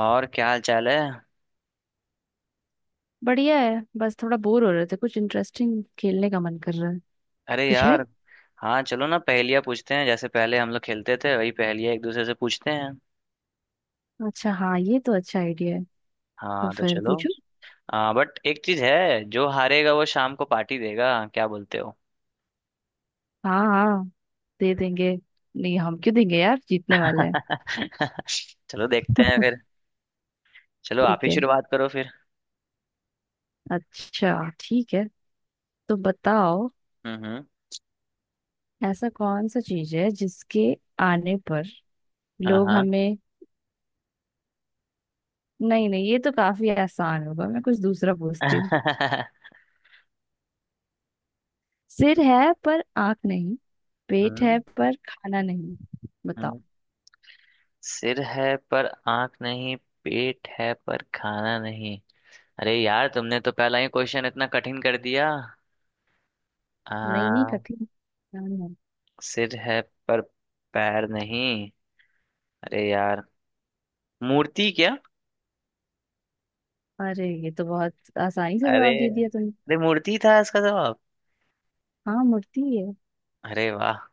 और क्या हाल चाल है। बढ़िया है। बस थोड़ा बोर हो रहे थे, कुछ इंटरेस्टिंग खेलने का मन कर रहा है। अरे कुछ है? यार। हाँ, चलो ना पहेलियाँ पूछते हैं, जैसे पहले हम लोग खेलते थे वही पहेलियाँ एक दूसरे से पूछते हैं। अच्छा हाँ, ये तो अच्छा आइडिया है। तो हाँ, तो फिर चलो। पूछो। हाँ, बट एक चीज है, जो हारेगा वो शाम को पार्टी देगा, क्या बोलते हो? हाँ हाँ, दे देंगे। नहीं, हम क्यों देंगे यार, जीतने वाले हैं। चलो देखते हैं फिर। चलो आप ठीक ही है। शुरुआत करो फिर। अच्छा ठीक है। तो बताओ। हम्म, हम्म। ऐसा कौन सा चीज है जिसके आने पर लोग हाँ, हमें नहीं नहीं, ये तो काफी आसान होगा, मैं कुछ दूसरा पूछती हूँ। हाँ। सिर है पर आंख नहीं, पेट हम्म है पर खाना नहीं। बताओ। हम्म। सिर है पर आंख नहीं। पेट है पर खाना नहीं। अरे यार, तुमने तो पहला ही क्वेश्चन इतना कठिन कर दिया। नहीं नहीं आ, कठिन। हाँ, हाँ। सिर है पर पैर नहीं। अरे यार। मूर्ति क्या? अरे ये तो बहुत आसानी से अरे जवाब दे दिया तुमने। अरे, मूर्ति था इसका जवाब। हाँ मूर्ति है। अरे वाह।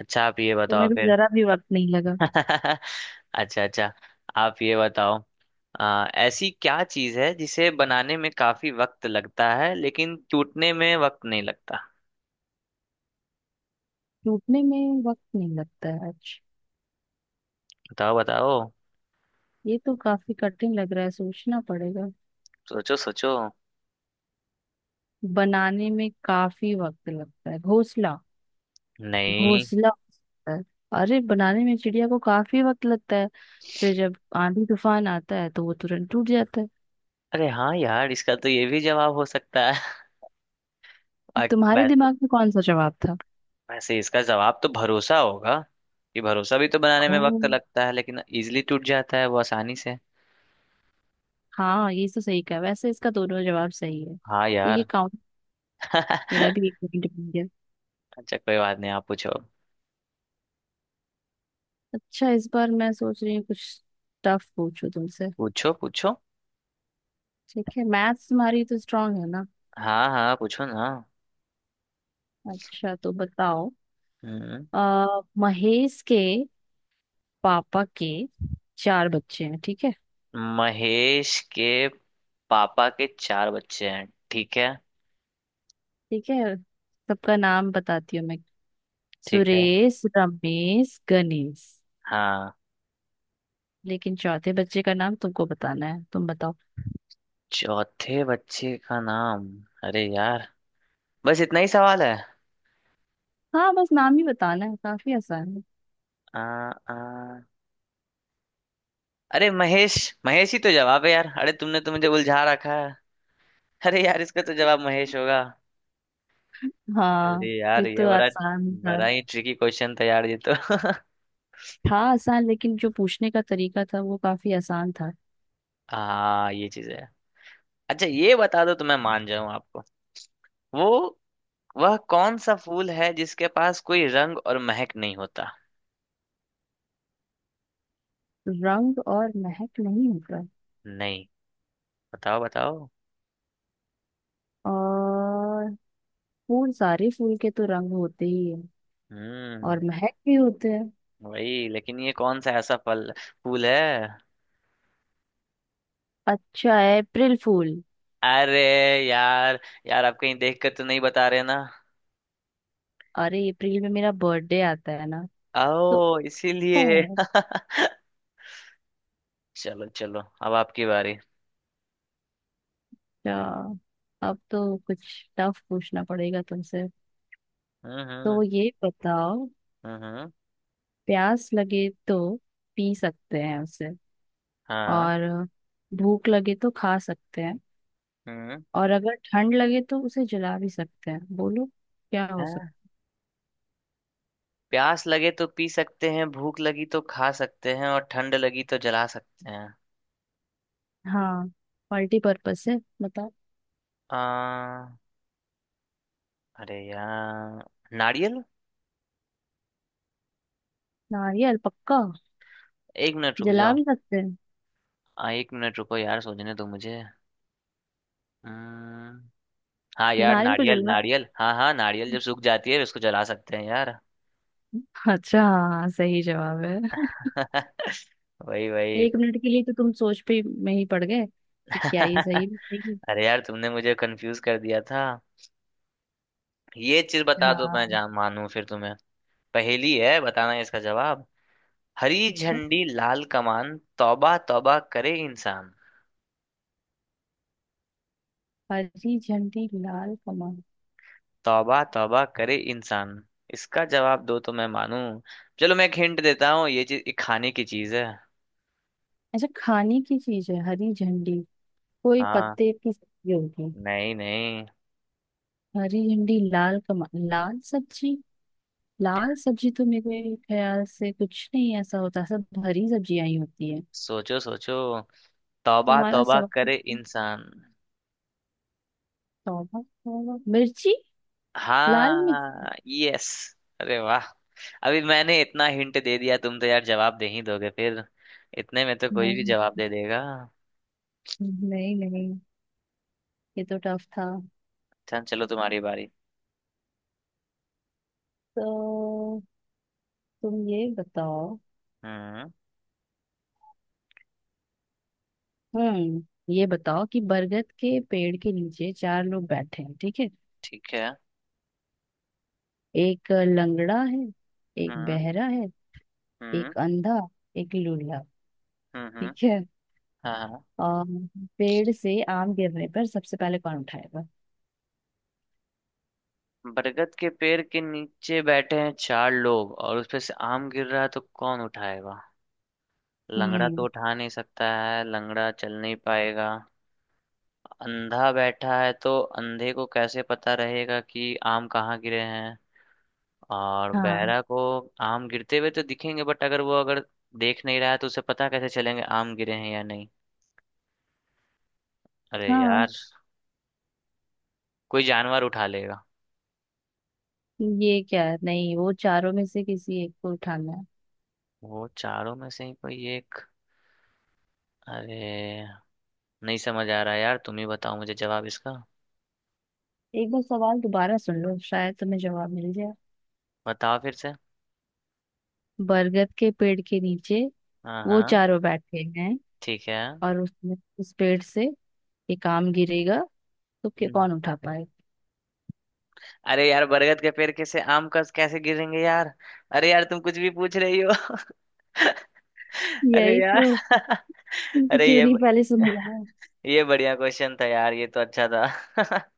अच्छा, आप ये तुम्हें बताओ तो फिर। जरा भी वक्त नहीं लगा। अच्छा। अच्छा, आप ये बताओ। ऐसी क्या चीज है जिसे बनाने में काफी वक्त लगता है लेकिन टूटने में वक्त नहीं लगता? टूटने में वक्त नहीं लगता है आज। बताओ बताओ। ये तो काफी कठिन लग रहा है, सोचना पड़ेगा। सोचो सोचो। बनाने में काफी वक्त लगता है घोंसला। नहीं। घोंसला होता है। अरे बनाने में चिड़िया को काफी वक्त लगता है, फिर जब आंधी तूफान आता है तो वो तुरंत टूट जाता है। अरे हाँ यार, इसका तो ये भी जवाब हो सकता है। आ- तुम्हारे वैसे दिमाग में कौन सा जवाब था? वैसे इसका जवाब तो भरोसा होगा। कि भरोसा भी तो बनाने में वक्त ओह, लगता है लेकिन इजीली टूट जाता है वो, आसानी से। हाँ ये तो सही कहा, वैसे इसका दोनों जवाब सही है हाँ तो ये यार। काउंट। मेरा भी एक पॉइंट। अच्छा, कोई बात नहीं, आप पूछो। अच्छा इस बार मैं सोच रही हूँ कुछ टफ पूछूं तुमसे। पूछो पूछो। ठीक है, मैथ्स तुम्हारी तो स्ट्रांग है ना। हाँ हाँ, पूछो ना। अच्छा तो बताओ। हम्म। आ, महेश के पापा के चार बच्चे हैं, ठीक है? महेश के पापा के चार बच्चे हैं, ठीक है। ठीक है। सबका नाम बताती हूँ मैं। ठीक है। सुरेश, रमेश, गणेश। हाँ। लेकिन चौथे बच्चे का नाम तुमको बताना है, तुम बताओ। चौथे बच्चे का नाम। अरे यार। बस इतना ही सवाल है। हाँ बस नाम ही बताना है, काफी आसान है। आ, आ, अरे महेश। महेश ही तो जवाब है यार, अरे तुमने तो मुझे उलझा रखा है। अरे यार, इसका तो जवाब महेश होगा। हाँ अरे यार, ये ये तो बड़ा आसान था। बड़ा ही ट्रिकी क्वेश्चन था यार, ये तो। था आसान, लेकिन जो पूछने का तरीका था वो काफी आसान था। हाँ, ये चीज है। अच्छा, ये बता दो तो मैं मान जाऊं आपको। वो वह कौन सा फूल है जिसके पास कोई रंग और महक नहीं होता? रंग और महक नहीं होता? नहीं। बताओ बताओ। और फूल, सारे फूल के तो रंग होते ही है हम्म। और महक भी होते हैं। वही, लेकिन ये कौन सा ऐसा फल फूल है? अच्छा है, अप्रैल फूल। अरे यार, यार आप कहीं देख कर तो नहीं बता रहे ना? अरे अप्रैल में मेरा बर्थडे आता है ना। तो आओ इसीलिए। है, चलो चलो, अब आपकी बारी। अच्छा। अब तो कुछ टफ पूछना पड़ेगा तुमसे। हम्म, हम्म, तो ये बताओ। हम्म, हम्म। प्यास लगे तो पी सकते हैं उसे, हाँ। और भूख लगे तो खा सकते हैं, हम्म। और अगर ठंड लगे तो उसे जला भी सकते हैं। बोलो क्या हो सकता हाँ, है? प्यास लगे तो पी सकते हैं, भूख लगी तो खा सकते हैं, और ठंड लगी तो जला सकते हैं। हाँ, मल्टी पर्पस है। बताओ। आ, अरे यार, नारियल। नारियल पक्का। एक मिनट रुक जला जाओ। भी सकते हैं। एक मिनट रुको यार, सोचने दो मुझे। हम्म, हाँ यार, नारियल को नारियल जला नारियल, हाँ हाँ, नारियल जब सूख जाती है उसको जला सकते हैं यार। अच्छा हाँ, सही जवाब है। वही वही। एक मिनट के लिए तो तुम सोच पे में ही पड़ गए कि क्या ये सही बताएगी। अरे यार, तुमने मुझे कंफ्यूज कर दिया था। ये चीज बता दो मैं हाँ। जान मानूं फिर तुम्हें। पहेली है, बताना इसका जवाब। हरी अच्छा, झंडी लाल कमान, तौबा तौबा करे इंसान। हरी झंडी लाल कमल। तौबा तौबा करे इंसान। इसका जवाब दो तो मैं मानूं। चलो, मैं एक हिंट देता हूँ, ये चीज एक खाने की चीज है। अच्छा खाने की चीज है। हरी झंडी कोई हाँ। पत्ते की सब्जी होगी। नहीं नहीं। हरी झंडी लाल कमल, लाल सब्जी। लाल सब्जी तो मेरे ख्याल से कुछ नहीं ऐसा होता, सब हरी सब्जियां ही होती है। सोचो सोचो। तौबा तुम्हारा तौबा सवाल करे है। इंसान। तौबा तौबा मिर्ची। लाल मिर्ची। हाँ, यस। अरे वाह। अभी मैंने इतना हिंट दे दिया, तुम तो यार जवाब दे ही दोगे फिर। इतने में तो कोई भी नहीं जवाब दे देगा। नहीं। नहीं, ये तो टफ था। चल चलो, तुम्हारी बारी। तो तुम ये बताओ। हम्म। हम्म। ये बताओ कि बरगद के पेड़ के नीचे चार लोग बैठे हैं, ठीक है? ठीक है। एक लंगड़ा है, एक हम्म, बहरा है, हम्म, एक अंधा, एक लूला, हम्म, हम्म। ठीक है? हाँ हाँ। और पेड़ से आम गिरने पर सबसे पहले कौन उठाएगा? बरगद के पेड़ के नीचे बैठे हैं चार लोग और उसपे से आम गिर रहा है, तो कौन उठाएगा? लंगड़ा तो हम्म। उठा नहीं सकता है, लंगड़ा चल नहीं पाएगा। अंधा बैठा है तो अंधे को कैसे पता रहेगा कि आम कहाँ गिरे हैं। और हाँ बहरा को? आम गिरते हुए तो दिखेंगे, बट अगर वो अगर देख नहीं रहा है तो उसे पता कैसे चलेंगे आम गिरे हैं या नहीं। अरे यार। हाँ। कोई जानवर उठा लेगा। ये क्या है? नहीं वो चारों में से किसी एक को उठाना है। वो चारों में से ही कोई एक। अरे, नहीं समझ आ रहा यार, तुम ही बताओ मुझे जवाब इसका। एक बार सवाल दोबारा सुन लो, शायद तुम्हें जवाब मिल जाए। बताओ फिर से। बरगद के पेड़ के नीचे हाँ वो हाँ। चारों बैठे हैं, ठीक है। और उसमें उस पेड़ से ये काम गिरेगा, तो क्या हम्म। कौन उठा पाए। अरे यार, बरगद के पेड़ कैसे आम का कैसे गिरेंगे यार। अरे यार, तुम कुछ भी पूछ रही हो। अरे यही यार। तो। तुमसे अरे क्यों नहीं पहले समझ आया। ये बढ़िया क्वेश्चन था यार, ये तो अच्छा था।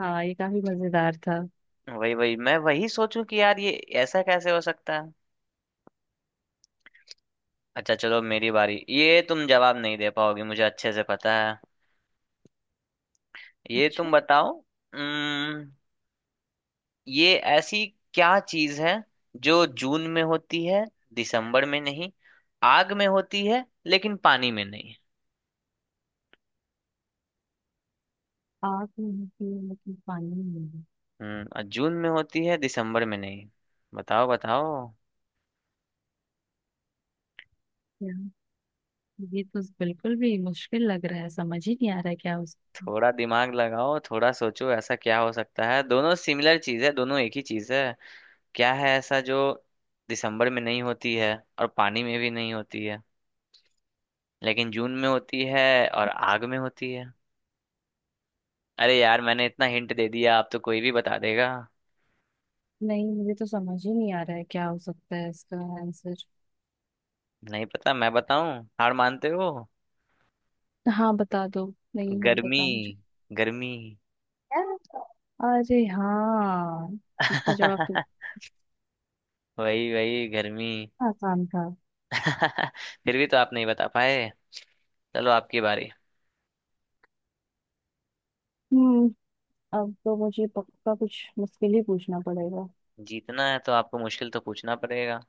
हाँ ये काफी मजेदार था। वही वही, मैं वही सोचूं कि यार, ये ऐसा कैसे हो सकता है। अच्छा चलो, मेरी बारी, ये तुम जवाब नहीं दे पाओगे मुझे अच्छे से पता है। ये अच्छा। तुम बताओ। ये ऐसी क्या चीज है जो जून में होती है दिसंबर में नहीं, आग में होती है लेकिन पानी में नहीं? आग नहीं होती है लेकिन पानी नहीं है। और जून में होती है दिसंबर में नहीं। बताओ बताओ। यार ये तो बिल्कुल भी मुश्किल लग रहा है, समझ ही नहीं आ रहा है क्या हो सकता है। थोड़ा दिमाग लगाओ, थोड़ा सोचो, ऐसा क्या हो सकता है, दोनों सिमिलर चीज है, दोनों एक ही चीज है। क्या है ऐसा जो दिसंबर में नहीं होती है और पानी में भी नहीं होती है, लेकिन जून में होती है और आग में होती है? अरे यार, मैंने इतना हिंट दे दिया, आप तो कोई भी बता देगा। नहीं मुझे तो समझ ही नहीं आ रहा है क्या हो सकता है इसका आंसर। नहीं पता, मैं बताऊं? हार मानते हो? हाँ बता दो, नहीं है गर्मी। पता मुझे। गर्मी। यार, अरे हाँ। इसका जवाब तो वही वही, गर्मी। इतना आसान था। फिर भी तो आप नहीं बता पाए। चलो, आपकी बारी। हम्म। अब तो मुझे पक्का कुछ मुश्किल ही पूछना पड़ेगा। जीतना है तो आपको मुश्किल तो पूछना पड़ेगा।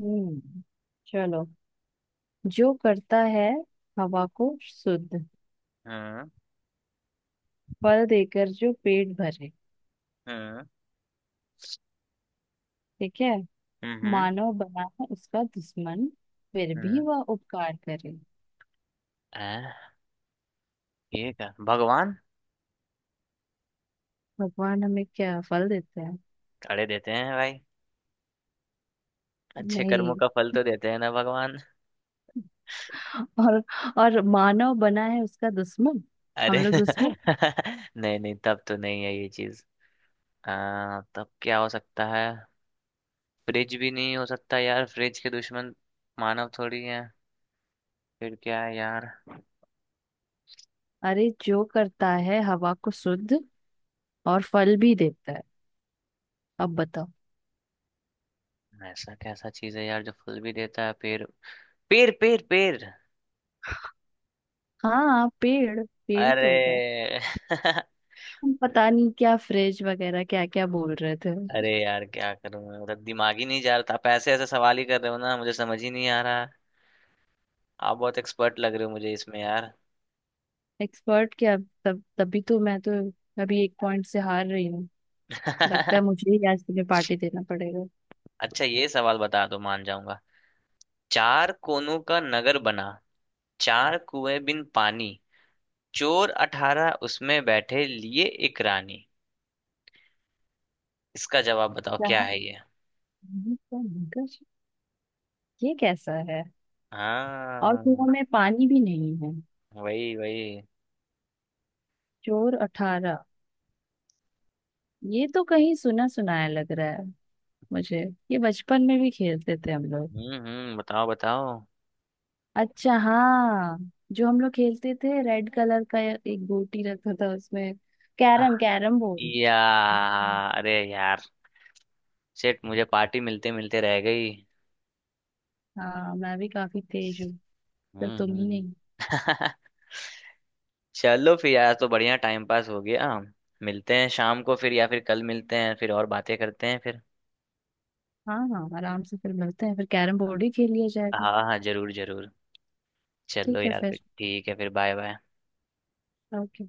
हम्म, चलो। जो करता है हवा को शुद्ध, हम्म, फल देकर जो पेट भरे, हम्म, ठीक है? हम्म, हम्म, मानव बना है उसका दुश्मन, फिर भी हम्म। वह उपकार करे। आ, ये क्या, भगवान? भगवान हमें क्या फल देते हैं? अड़े देते हैं भाई। अच्छे कर्मों नहीं। का फल तो देते हैं ना भगवान। और, और मानव बना है उसका दुश्मन। अरे। हम लोग दुश्मन? नहीं नहीं, तब तो नहीं है ये चीज। तब क्या हो सकता है? फ्रिज भी नहीं हो सकता यार, फ्रिज के दुश्मन। मानव थोड़ी है। फिर क्या है यार? अरे जो करता है हवा को शुद्ध, और फल भी देता है, अब बताओ। ऐसा कैसा चीज है यार जो फल भी देता है, पेड़? पेड़ पेड़ पेड़। हाँ, पेड़। पेड़ ही तो होगा। अरे। तुम पता नहीं क्या फ्रिज वगैरह क्या क्या बोल रहे थे। अरे यार, क्या करूं मैं, मतलब दिमाग ही नहीं जा रहा था, आप ऐसे ऐसे सवाल ही कर रहे हो ना, मुझे समझ ही नहीं आ रहा। आप बहुत एक्सपर्ट लग रहे हो मुझे इसमें यार। एक्सपर्ट क्या, तब तभी तो मैं तो अभी एक पॉइंट से हार रही हूँ। लगता है मुझे ही आज तुम्हें पार्टी देना पड़ेगा। अच्छा, ये सवाल बता दो मान जाऊंगा। चार कोनों का नगर बना। चार कुएं बिन पानी। चोर अठारह उसमें बैठे लिए एक रानी। इसका जवाब बताओ, क्या, क्या है ये? पानी का मगज? ये कैसा है, और हाँ। कुआं में पानी भी नहीं है। वही वही। चोर अठारह। ये तो कहीं सुना सुनाया लग रहा है मुझे। ये बचपन में भी खेलते थे हम लोग। हम्म। बताओ बताओ। अच्छा हाँ, जो हम लोग खेलते थे, रेड कलर का एक गोटी रखा था उसमें। Carrom, carrom board. या। हाँ। अरे यार, शिट, मुझे पार्टी मिलते मिलते रह गई। हाँ, मैं भी काफी तेज हूँ। पर हम्म तुम ही हम्म। नहीं। चलो फिर यार, तो बढ़िया टाइम पास हो गया। मिलते हैं शाम को फिर, या फिर कल मिलते हैं फिर और बातें करते हैं फिर। हाँ हाँ, आराम से फिर मिलते हैं, फिर कैरम बोर्ड ही खेल लिया जाएगा। हाँ हाँ, जरूर जरूर। चलो ठीक है यार फिर, फिर। ठीक है फिर, बाय बाय। ओके।